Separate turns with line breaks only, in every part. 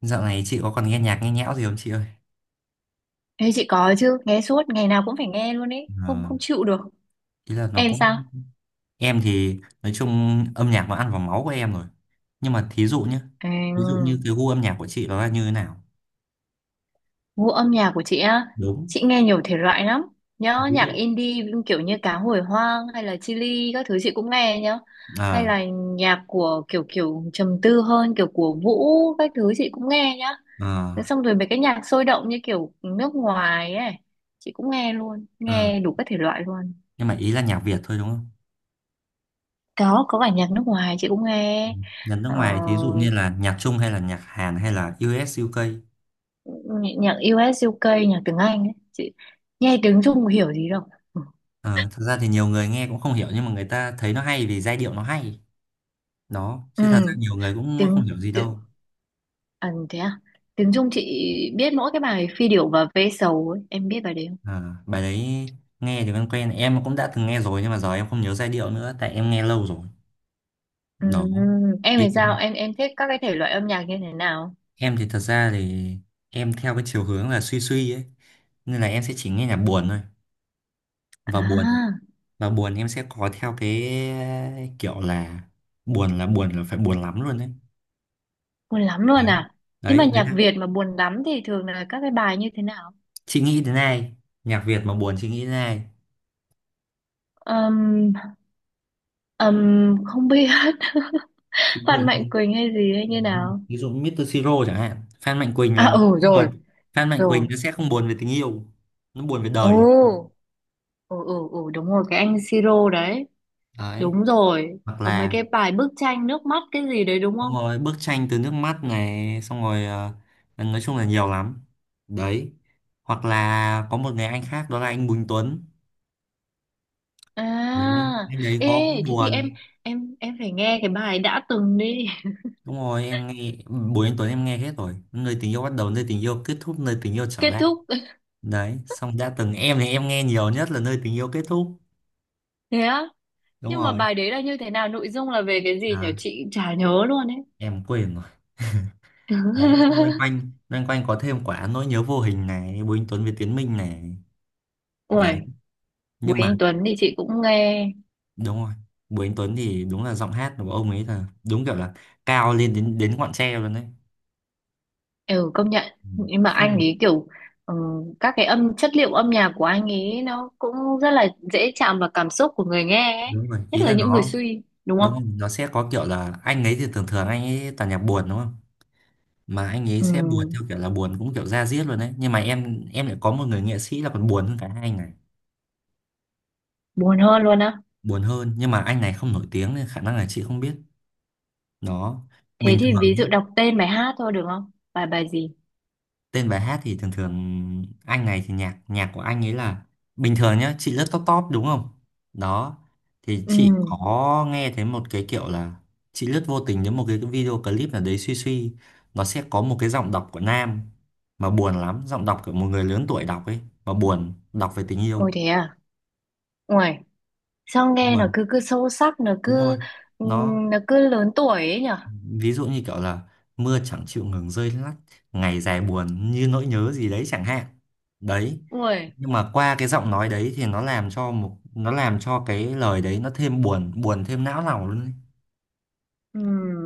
Dạo này chị có còn nghe nhạc nghe nhẽo gì không chị ơi?
Ê, chị có chứ, nghe suốt, ngày nào cũng phải nghe luôn ấy, không
Ờ.
không chịu được.
Ý là nó
Em
cũng
sao?
Em thì nói chung âm nhạc nó ăn vào máu của em rồi. Nhưng mà thí dụ nhé, ví dụ
À,
như cái gu âm nhạc của chị nó là như thế nào?
Gu âm nhạc của chị á,
Đúng.
chị nghe nhiều thể loại lắm. Nhớ
Ví
nhạc
dụ
indie kiểu như Cá Hồi Hoang hay là Chillies các thứ chị cũng nghe nhá. Hay
ờ
là nhạc của kiểu kiểu trầm tư hơn, kiểu của Vũ các thứ chị cũng nghe nhá.
ờ
Thế xong rồi mấy cái nhạc sôi động như kiểu nước ngoài ấy, chị cũng nghe luôn,
ờ
nghe đủ các thể loại luôn.
Nhưng mà ý là nhạc Việt thôi đúng không?
Có cả nhạc nước ngoài chị cũng nghe.
Nhạc nước
Ờ,
ngoài thí dụ như là nhạc Trung hay là nhạc Hàn hay là US UK.
Nhạc nhạc US UK, nhạc tiếng Anh ấy. Chị nghe tiếng Trung hiểu gì đâu. Ừ,
Ờ, thật ra thì nhiều người nghe cũng không hiểu nhưng mà người ta thấy nó hay vì giai điệu nó hay. Đó,
Ừ,
chứ thật ra nhiều người cũng không
tiếng,
hiểu gì
tiếng
đâu.
à, thế à? Tiếng Trung chị biết mỗi cái bài Phi điểu và Ve sầu ấy. Em biết bài đấy không?
À, bài đấy nghe thì quen quen em cũng đã từng nghe rồi nhưng mà giờ em không nhớ giai điệu nữa tại em nghe lâu rồi.
Ừ,
Đó.
em
Ý-
thì sao? Em thích các cái thể loại âm nhạc như thế nào?
em thì thật ra thì em theo cái chiều hướng là suy suy ấy, nên là em sẽ chỉ nghe nhạc buồn thôi. Và buồn,
À,
và buồn em sẽ có theo cái kiểu là buồn là buồn là phải buồn lắm luôn đấy.
buồn lắm
Đấy.
luôn à? Thế mà
Đấy, đấy.
nhạc Việt mà buồn lắm thì thường là các cái bài như thế nào?
Chị nghĩ đến ai? Nhạc Việt mà buồn chị nghĩ đến ai?
Ừm, ừm, không biết.
Thí dụ
Phan Mạnh
như,
Quỳnh hay gì hay như nào?
ví dụ Mr. Siro chẳng hạn. Phan Mạnh Quỳnh
À
là nó
ừ
buồn.
rồi,
Phan Mạnh Quỳnh
rồi.
nó sẽ không buồn về tình yêu, nó buồn về đời.
Ồ. Ừ ừ ừ đúng rồi cái anh Siro đấy,
Đấy.
đúng rồi
Hoặc
có mấy
là
cái bài bức tranh nước mắt cái gì đấy đúng
xong
không?
rồi bức tranh từ nước mắt này, xong rồi nói chung là nhiều lắm. Đấy. Hoặc là có một người anh khác, đó là anh Bùi Anh Tuấn. Đấy.
À,
Anh đấy
ê
có cũng
thế thì em,
buồn.
em phải nghe cái bài đã từng đi.
Đúng rồi em nghe Bùi Anh Tuấn em nghe hết rồi: nơi tình yêu bắt đầu, nơi tình yêu kết thúc, nơi tình yêu trở
Kết
lại.
thúc
Đấy xong đã từng. Em thì em nghe nhiều nhất là nơi tình yêu kết thúc.
thế á,
Đúng
nhưng mà
rồi.
bài đấy là như thế nào, nội dung là về cái gì nhỉ,
À,
chị chả nhớ luôn ấy.
em quên rồi. Đấy xong loanh quanh, loanh quanh có thêm quả nỗi nhớ vô hình này, Bùi Anh Tuấn với Tiến Minh này.
Ui,
Đấy.
Bùi
Nhưng mà
Anh Tuấn thì chị cũng nghe.
đúng rồi, Bùi Anh Tuấn thì đúng là giọng hát của ông ấy là đúng kiểu là cao lên đến đến ngọn tre luôn đấy.
Ừ, công nhận.
Ừ.
Nhưng mà anh
Không.
ấy kiểu ừ, các cái âm chất liệu âm nhạc của anh ấy nó cũng rất là dễ chạm vào cảm xúc của người nghe ấy.
Đúng rồi
Nhất
ý
là
là
những người
nó.
suy đúng
Đúng rồi
không?
nó sẽ có kiểu là anh ấy thì thường thường anh ấy toàn nhạc buồn đúng không, mà anh ấy sẽ buồn
Ừ,
theo kiểu là buồn cũng kiểu da diết luôn đấy. Nhưng mà em lại có một người nghệ sĩ là còn buồn hơn cả hai anh này.
buồn hơn luôn á.
Buồn hơn, nhưng mà anh này không nổi tiếng nên khả năng là chị không biết. Nó
Thế
bình
thì ví
thường nhá.
dụ đọc tên bài hát thôi được không, bài bài gì?
Tên bài hát thì thường thường anh này thì nhạc nhạc của anh ấy là bình thường nhá. Chị lướt top top đúng không? Đó. Thì chị
Ừm,
có nghe thấy một cái kiểu là chị lướt vô tình đến một cái video clip nào đấy suy suy, nó sẽ có một cái giọng đọc của nam mà buồn lắm, giọng đọc của một người lớn tuổi đọc ấy, mà buồn, đọc về tình
ôi
yêu.
thế à, ôi sao
Đúng
nghe
rồi.
nó cứ cứ sâu sắc, nó
Đúng rồi
cứ ừ,
nó
nó cứ lớn tuổi ấy nhở.
ví dụ như kiểu là mưa chẳng chịu ngừng rơi lắt, ngày dài buồn như nỗi nhớ gì đấy chẳng hạn. Đấy.
Ôi,
Nhưng mà qua cái giọng nói đấy thì nó làm cho cái lời đấy nó thêm buồn, buồn thêm não lòng luôn ấy.
ừ,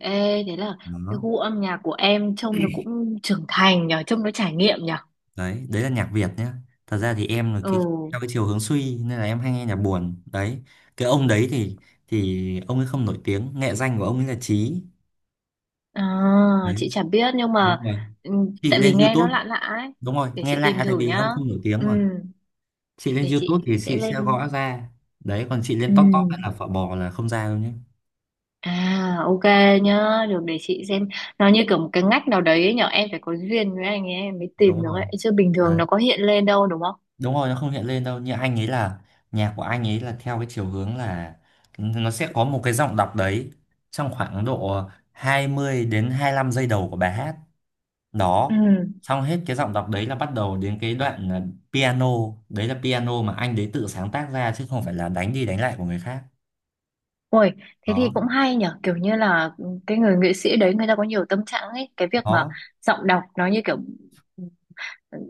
ê thế là cái
Đó.
gu âm nhạc của em trông nó cũng trưởng thành nhở, trông nó trải nghiệm nhở.
Đấy, đấy là nhạc Việt nhá. Thật ra thì em là
Ừ,
cái theo cái chiều hướng suy nên là em hay nghe nhạc buồn đấy. Cái ông đấy thì ông ấy không nổi tiếng. Nghệ danh của ông ấy là Chí.
à, chị
Đấy.
chả biết nhưng
Đúng
mà
rồi,
ừ,
chị
tại
lên
vì nghe nó
YouTube.
lạ lạ ấy,
Đúng rồi,
để
nghe
chị
lạ
tìm
tại
thử
vì
nhá.
ông không nổi tiếng
Ừ,
mà. Chị lên
để
YouTube
chị
thì
sẽ
chị sẽ gõ
lên.
ra. Đấy, còn chị lên
Ừ.
top top hay là phở bò là không ra đâu nhé.
À, ok nhá, được, để chị xem. Nó như kiểu một cái ngách nào đấy ấy nhở, em phải có duyên với anh ấy em mới
Đúng
tìm được
rồi.
ấy, chứ bình thường nó có hiện lên đâu đúng không?
Đúng rồi, nó không hiện lên đâu. Như anh ấy là nhạc của anh ấy là theo cái chiều hướng là nó sẽ có một cái giọng đọc đấy trong khoảng độ 20 đến hai lăm giây đầu của bài hát.
Ừ.
Đó. Xong hết cái giọng đọc đấy là bắt đầu đến cái đoạn là piano. Đấy là piano mà anh đấy tự sáng tác ra chứ không phải là đánh đi đánh lại của người khác.
Ôi, thế thì
Đó.
cũng hay nhở, kiểu như là cái người nghệ sĩ đấy người ta có nhiều tâm trạng ấy, cái việc mà
Đó.
giọng đọc nó như kiểu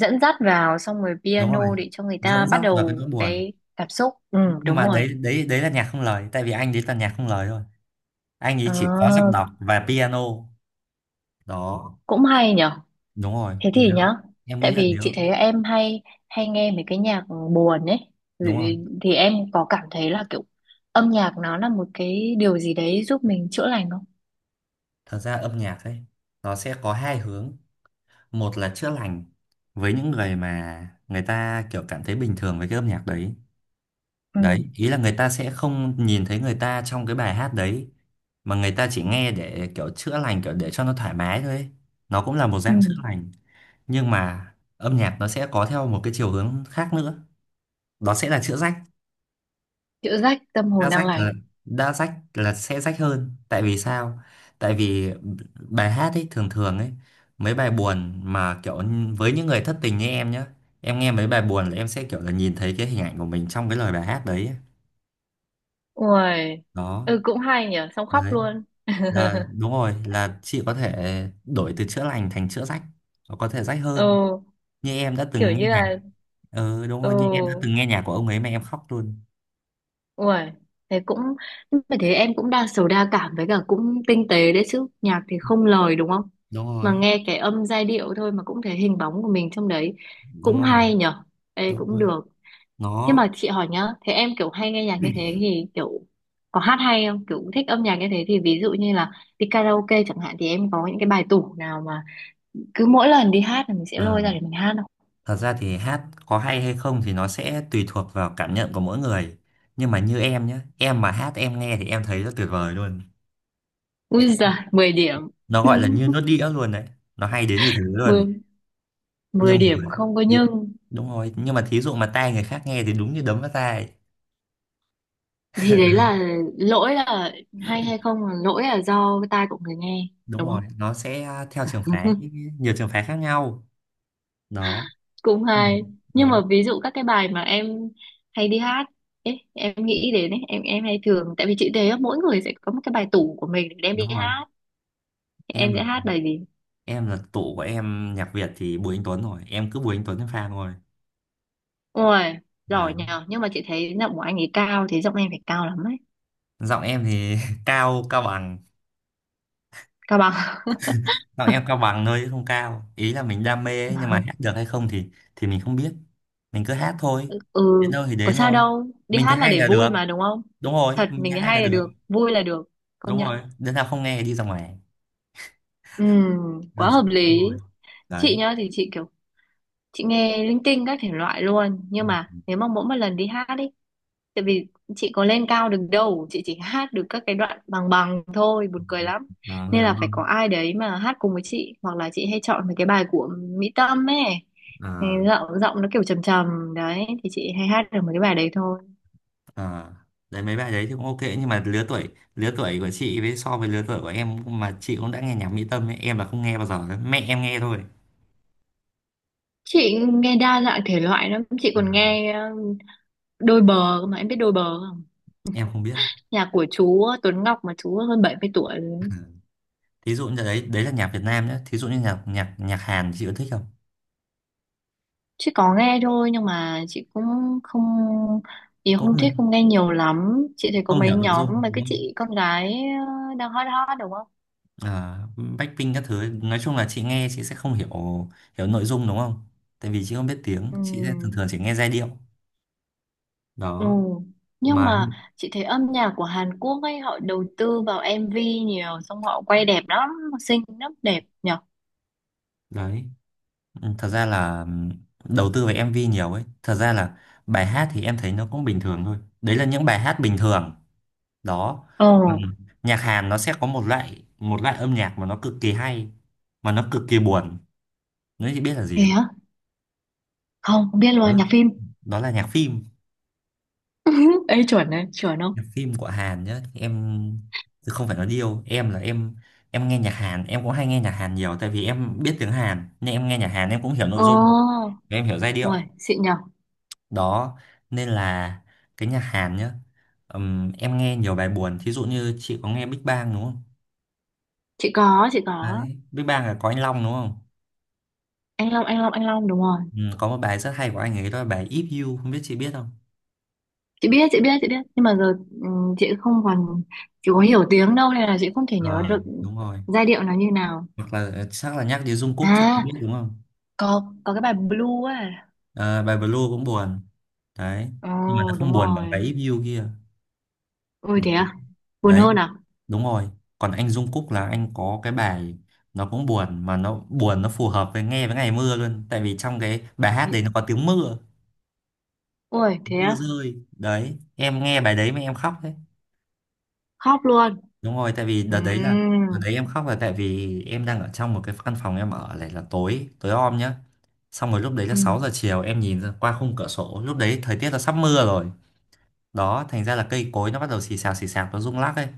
dẫn dắt vào xong rồi
Đúng rồi,
piano để cho người ta
dẫn
bắt
dắt vào cái
đầu
nỗi buồn.
cái cảm xúc, ừ
Nhưng
đúng
mà
rồi.
đấy, đấy đấy là nhạc không lời tại vì anh đấy là nhạc không lời thôi. Anh ấy
Ờ,
chỉ có giọng đọc và piano. Đó.
cũng hay nhở.
Đúng rồi
Thế
nếu,
thì nhá,
em
tại
nghĩ là
vì
nếu.
chị thấy em hay hay nghe mấy cái nhạc buồn ấy,
Đúng rồi,
thì em có cảm thấy là kiểu âm nhạc nó là một cái điều gì đấy giúp mình chữa lành không?
thật ra âm nhạc ấy nó sẽ có hai hướng. Một là chữa lành với những người mà người ta kiểu cảm thấy bình thường với cái âm nhạc đấy.
Ừ,
Đấy, ý là người ta sẽ không nhìn thấy người ta trong cái bài hát đấy, mà người ta chỉ nghe để kiểu chữa lành, kiểu để cho nó thoải mái thôi ấy. Nó cũng là một
ừ
dạng chữa lành. Nhưng mà âm nhạc nó sẽ có theo một cái chiều hướng khác nữa, đó sẽ là chữa rách.
chữa rách tâm hồn
Đa
đang
sách
lành.
là, đa sách là sẽ sách hơn. Tại vì sao? Tại vì bài hát ấy thường thường ấy, mấy bài buồn mà kiểu với những người thất tình như em nhá, em nghe mấy bài buồn là em sẽ kiểu là nhìn thấy cái hình ảnh của mình trong cái lời bài hát đấy ấy.
Ui,
Đó.
ừ cũng hay nhở, xong khóc
Đấy
luôn.
là đúng rồi, là chị có thể đổi từ chữa lành thành chữa rách. Nó có thể rách hơn
Ừ,
như em đã
kiểu
từng nghe
như
nhạc.
là
Ừ, đúng rồi, như em đã
ừ.
từng nghe nhạc của ông ấy mà em khóc luôn.
Ui, thế cũng phải, thế em cũng đa sầu đa cảm với cả cũng tinh tế đấy chứ, nhạc thì không lời đúng không,
Đúng
mà
rồi,
nghe cái âm giai điệu thôi mà cũng thấy hình bóng của mình trong đấy, cũng
đúng rồi,
hay nhở. Ê
đúng
cũng
rồi.
được. Thế
Nó.
mà chị hỏi nhá, thế em kiểu hay nghe nhạc như thế thì kiểu có hát hay không, kiểu thích âm nhạc như thế thì ví dụ như là đi karaoke chẳng hạn thì em có những cái bài tủ nào mà cứ mỗi lần đi hát là mình sẽ
ờ
lôi ra để mình hát không?
Thật ra thì hát có hay hay không thì nó sẽ tùy thuộc vào cảm nhận của mỗi người. Nhưng mà như em nhé, em mà hát em nghe thì em thấy rất tuyệt vời luôn.
Ui giời 10 điểm.
Nó gọi là như nó đĩa luôn đấy. Nó hay đến như thế luôn.
Mười,
Nhưng
10 điểm
mà
không có,
thí-
nhưng
đúng rồi, nhưng mà thí dụ mà tai người khác nghe thì đúng như đấm vào tai.
thì đấy là lỗi là, hay hay không là lỗi là do cái tai của người nghe
Đúng
đúng không?
rồi, nó sẽ theo trường phái, nhiều trường phái khác nhau. Đó.
Cũng
Ừ.
hay. Nhưng mà
Đó.
ví dụ các cái bài mà em hay đi hát ấy, em nghĩ đến ấy, em hay thường, tại vì chị thấy á, mỗi người sẽ có một cái bài tủ của mình để đem
Đúng
đi
rồi.
hát. Thì em sẽ
Em
hát bài gì?
em là tụ của em nhạc Việt thì Bùi Anh Tuấn rồi, em cứ Bùi Anh Tuấn em fan rồi.
Ôi
Đấy.
giỏi nhờ, nhưng mà chị thấy giọng của anh ấy cao thì giọng em phải cao lắm ấy.
Giọng em thì cao cao bằng.
Cao bằng.
Giọng em cao bằng thôi chứ không cao. Ý là mình đam mê ấy, nhưng mà hát được hay không thì mình không biết. Mình cứ hát thôi.
Ừ,
Đến đâu thì
có
đến
sao
thôi.
đâu, đi
Mình thấy
hát là
hay
để
là
vui
được.
mà đúng không?
Đúng rồi,
Thật,
mình
mình
thấy
thấy
hay là
hay là
được.
được, vui là được, công
Đúng rồi.
nhận.
Đứa nào không nghe thì đi ra ngoài.
Ừ,
Đơn
quá
giản
hợp lý.
thôi.
Chị
Đấy.
nhá thì chị kiểu, chị nghe linh tinh các thể loại luôn, nhưng mà nếu mà mỗi một lần đi hát đi, tại vì chị có lên cao được đâu, chị chỉ hát được các cái đoạn bằng bằng thôi, buồn cười lắm,
À, người
nên
đúng
là phải có
không?
ai đấy mà hát cùng với chị, hoặc là chị hay chọn mấy cái bài của Mỹ Tâm ấy. Thì
À,
giọng giọng nó kiểu trầm trầm đấy thì chị hay hát được mấy cái bài đấy thôi.
à. Đấy mấy bài đấy thì cũng ok, nhưng mà lứa tuổi, lứa tuổi của chị với so với lứa tuổi của em, mà chị cũng đã nghe nhạc Mỹ Tâm ấy, em là không nghe bao giờ, mẹ em nghe thôi.
Chị nghe đa dạng thể loại lắm, chị
À,
còn nghe ờ, đôi bờ cơ, mà em biết đôi bờ không?
em không biết.
Nhạc của chú Tuấn Ngọc mà chú hơn 70 tuổi rồi.
Thí dụ như đấy, đấy là nhạc Việt Nam nhé. Thí dụ như nhạc nhạc nhạc Hàn thì chị có thích không?
Chị có nghe thôi, nhưng mà chị cũng không, thì
Cũng
không thích,
không,
không nghe nhiều lắm. Chị thấy có
không
mấy
hiểu nội
nhóm
dung
mấy
đúng
cái
không?
chị con gái ờ, đang hot hot đúng không?
À, Blackpink các thứ nói chung là chị nghe, chị sẽ không hiểu, hiểu nội dung đúng không? Tại vì chị không biết tiếng,
Ừ.
chị sẽ thường thường chỉ nghe giai điệu.
Ừ.
Đó
Nhưng
mà.
mà
Ừ.
chị thấy âm nhạc của Hàn Quốc ấy họ đầu tư vào MV nhiều, xong họ quay đẹp lắm, xinh lắm, đẹp nhở.
Đấy. Ừ, thật ra là đầu tư về MV nhiều ấy, thật ra là bài hát thì em thấy nó cũng bình thường thôi, đấy là những bài hát bình thường. Đó. Ừ.
Ồ,
Nhạc Hàn nó sẽ có một loại, âm nhạc mà nó cực kỳ hay, mà nó cực kỳ buồn. Nói chị biết là
thế
gì?
hả? Không, không biết
Đó,
luôn, nhạc phim.
đó là nhạc phim.
Ê chuẩn đấy, chuẩn không?
Nhạc phim của Hàn nhá em, chứ không phải nói điêu. Em là em nghe nhạc Hàn em cũng hay nghe nhạc Hàn nhiều tại vì em biết tiếng Hàn nên em nghe nhạc Hàn em cũng hiểu nội
Ồ,
dung và em hiểu giai
uầy,
điệu.
xịn nhở.
Đó. Nên là cái nhạc Hàn nhá, em nghe nhiều bài buồn. Thí dụ như chị có nghe Big Bang đúng không?
Chị có, chị có.
Đấy, Big Bang là có anh Long đúng không?
Anh Long, anh Long, anh Long đúng rồi.
Có một bài rất hay của anh ấy đó là bài If You, không biết chị biết không.
Chị biết, chị biết, chị biết nhưng mà giờ chị không còn, chị có hiểu tiếng đâu nên là chị không thể nhớ
Ờ,
được
đúng rồi.
giai điệu nó như nào.
Hoặc là chắc là nhắc đến Jungkook
À
chị cũng biết đúng không.
có cái bài Blue ấy.
Ờ, bài Blue cũng buồn. Đấy,
Ồ,
nhưng mà nó không
đúng
buồn bằng cái
rồi,
If You kia.
ôi thế à, buồn
Đấy.
hơn à.
Đúng rồi, còn anh Jung Kook là anh có cái bài nó cũng buồn, mà nó buồn nó phù hợp với nghe với ngày mưa luôn, tại vì trong cái bài hát đấy nó có tiếng mưa,
Ôi
tiếng
thế
mưa
à,
rơi đấy. Em nghe bài đấy mà em khóc đấy.
khóc luôn.
Đúng rồi, tại vì đợt đấy là, đợt
Ừm.
đấy em khóc là tại vì em đang ở trong một cái căn phòng em ở này là tối tối om nhá. Xong rồi lúc đấy là sáu giờ
Ừm.
chiều em nhìn ra qua khung cửa sổ lúc đấy thời tiết là sắp mưa rồi. Đó, thành ra là cây cối nó bắt đầu xì xào nó rung lắc ấy.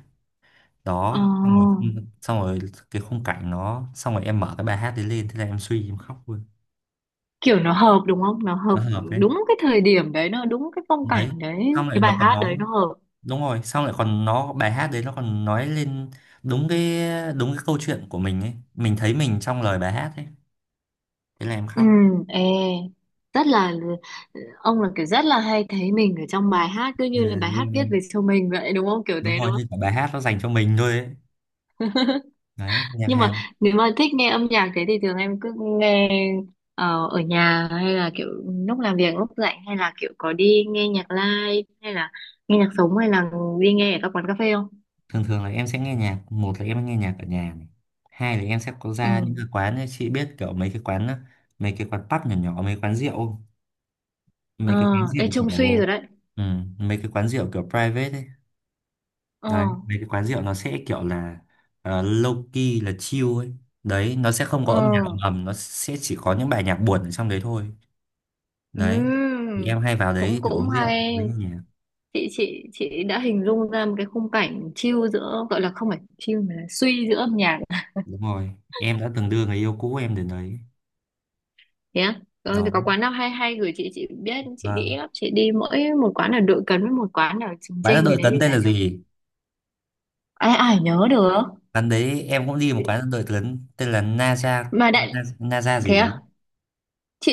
Ờ.
Đó xong rồi cái khung cảnh nó, xong rồi em mở cái bài hát đấy lên, thế là em suy em khóc luôn.
Kiểu nó hợp đúng không, nó
Nó
hợp
hợp đấy.
đúng cái thời điểm đấy, nó đúng cái phong
Đấy.
cảnh đấy,
Xong lại
cái bài
nó còn
hát
nó,
đấy nó hợp.
đúng rồi xong lại còn nó, bài hát đấy nó còn nói lên đúng cái, đúng cái câu chuyện của mình ấy, mình thấy mình trong lời bài hát ấy, thế là em
Ừ,
khóc.
ê, rất là ông là kiểu rất là hay thấy mình ở trong bài hát, cứ như là
À,
bài hát viết
luôn.
về show mình vậy đúng không, kiểu
Đúng
thế
rồi,
đúng không?
như cả bài hát nó dành cho mình thôi ấy. Đấy nhạc
Nhưng mà
Hàn.
nếu mà thích nghe âm nhạc thế thì thường em cứ nghe ờ, ở nhà hay là kiểu lúc làm việc lúc rảnh, hay là kiểu có đi nghe nhạc live hay là nghe nhạc sống, hay là đi nghe ở các quán cà phê không?
Thường thường là em sẽ nghe nhạc, một là em nghe nhạc ở nhà này, hai là em sẽ có ra những cái
Ừ.
quán ấy. Chị biết kiểu mấy cái quán, mấy cái quán pub nhỏ nhỏ, mấy quán rượu không?
Ờ,
Mấy cái quán
ê
rượu
trông suy
kiểu,
rồi đấy.
ừ, mấy cái quán rượu kiểu private ấy.
Ờ,
Đấy mấy cái quán rượu nó sẽ kiểu là low key là chill ấy. Đấy nó sẽ không có
ờ
âm nhạc ầm ầm, nó sẽ chỉ có những bài nhạc buồn ở trong đấy thôi. Đấy. Thì
ừm,
em hay vào đấy
cũng
để
cũng
uống rượu
hay.
với người nhà.
Chị đã hình dung ra một cái khung cảnh chill, giữa gọi là không phải chill mà là suy, giữa âm nhạc.
Đúng rồi, em đã từng đưa người yêu cũ em đến đấy.
Nhé á. Ờ, thì
Đó,
có quán nào hay hay gửi chị biết chị đi
vâng.
ít lắm, chị đi mỗi một quán ở Đội Cấn với một quán ở Trường
Quán ăn
Chinh gì
đội
đấy
tấn
thì
đây
chả
là
nhớ,
gì?
ai ai nhớ được
Quán đấy em cũng đi, một quán ăn đội tấn tên là Naza,
mà đại.
Naza Naza gì
Thế
đấy.
à,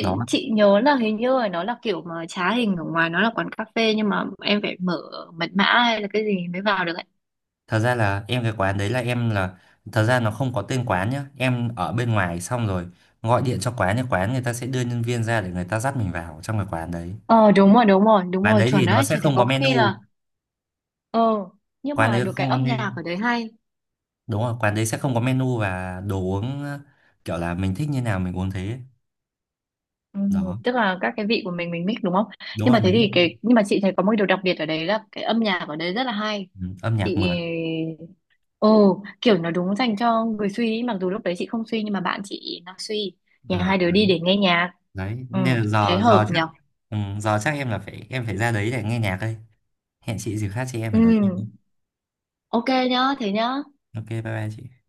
Đó.
chị nhớ là hình như là nó là kiểu mà trá hình, ở ngoài nó là quán cà phê nhưng mà em phải mở mật mã hay là cái gì mới vào được ấy.
Thật ra là em, cái quán đấy là em là, thật ra nó không có tên quán nhá. Em ở bên ngoài xong rồi gọi điện cho quán, thì quán người ta sẽ đưa nhân viên ra để người ta dắt mình vào trong cái quán đấy.
Ờ đúng rồi đúng rồi đúng
Quán
rồi,
đấy
chuẩn
thì nó
đấy.
sẽ
Chứ thì
không có
có khi
menu.
là ờ, nhưng
Quán
mà
đấy
được
không
cái
có
âm nhạc
nên-
ở đấy hay.
Đúng rồi, quán đấy sẽ không có menu và đồ uống, kiểu là mình thích như nào mình uống thế.
Ừ,
Đó.
tức là các cái vị của mình mix đúng không?
Đúng
Nhưng
rồi
mà thế thì
mình.
cái, nhưng mà chị thấy có một điều đặc biệt ở đấy là cái âm nhạc ở đấy rất là hay.
Ừ, âm
Chị
nhạc mượt.
ồ kiểu nó đúng dành cho người suy ý, mặc dù lúc đấy chị không suy nhưng mà bạn chị nó suy.
À,
Nhà hai đứa đi để nghe nhạc.
đấy
Ừ,
nên là
thế
giờ giờ
hợp
chắc.
nhở?
Ừ, giờ chắc em là phải em phải ra đấy để nghe nhạc đây. Hẹn chị dịp khác chị em
Ừ,
phải nói chuyện nhé.
ok nhá, thế nhá.
Ok, bye bye chị.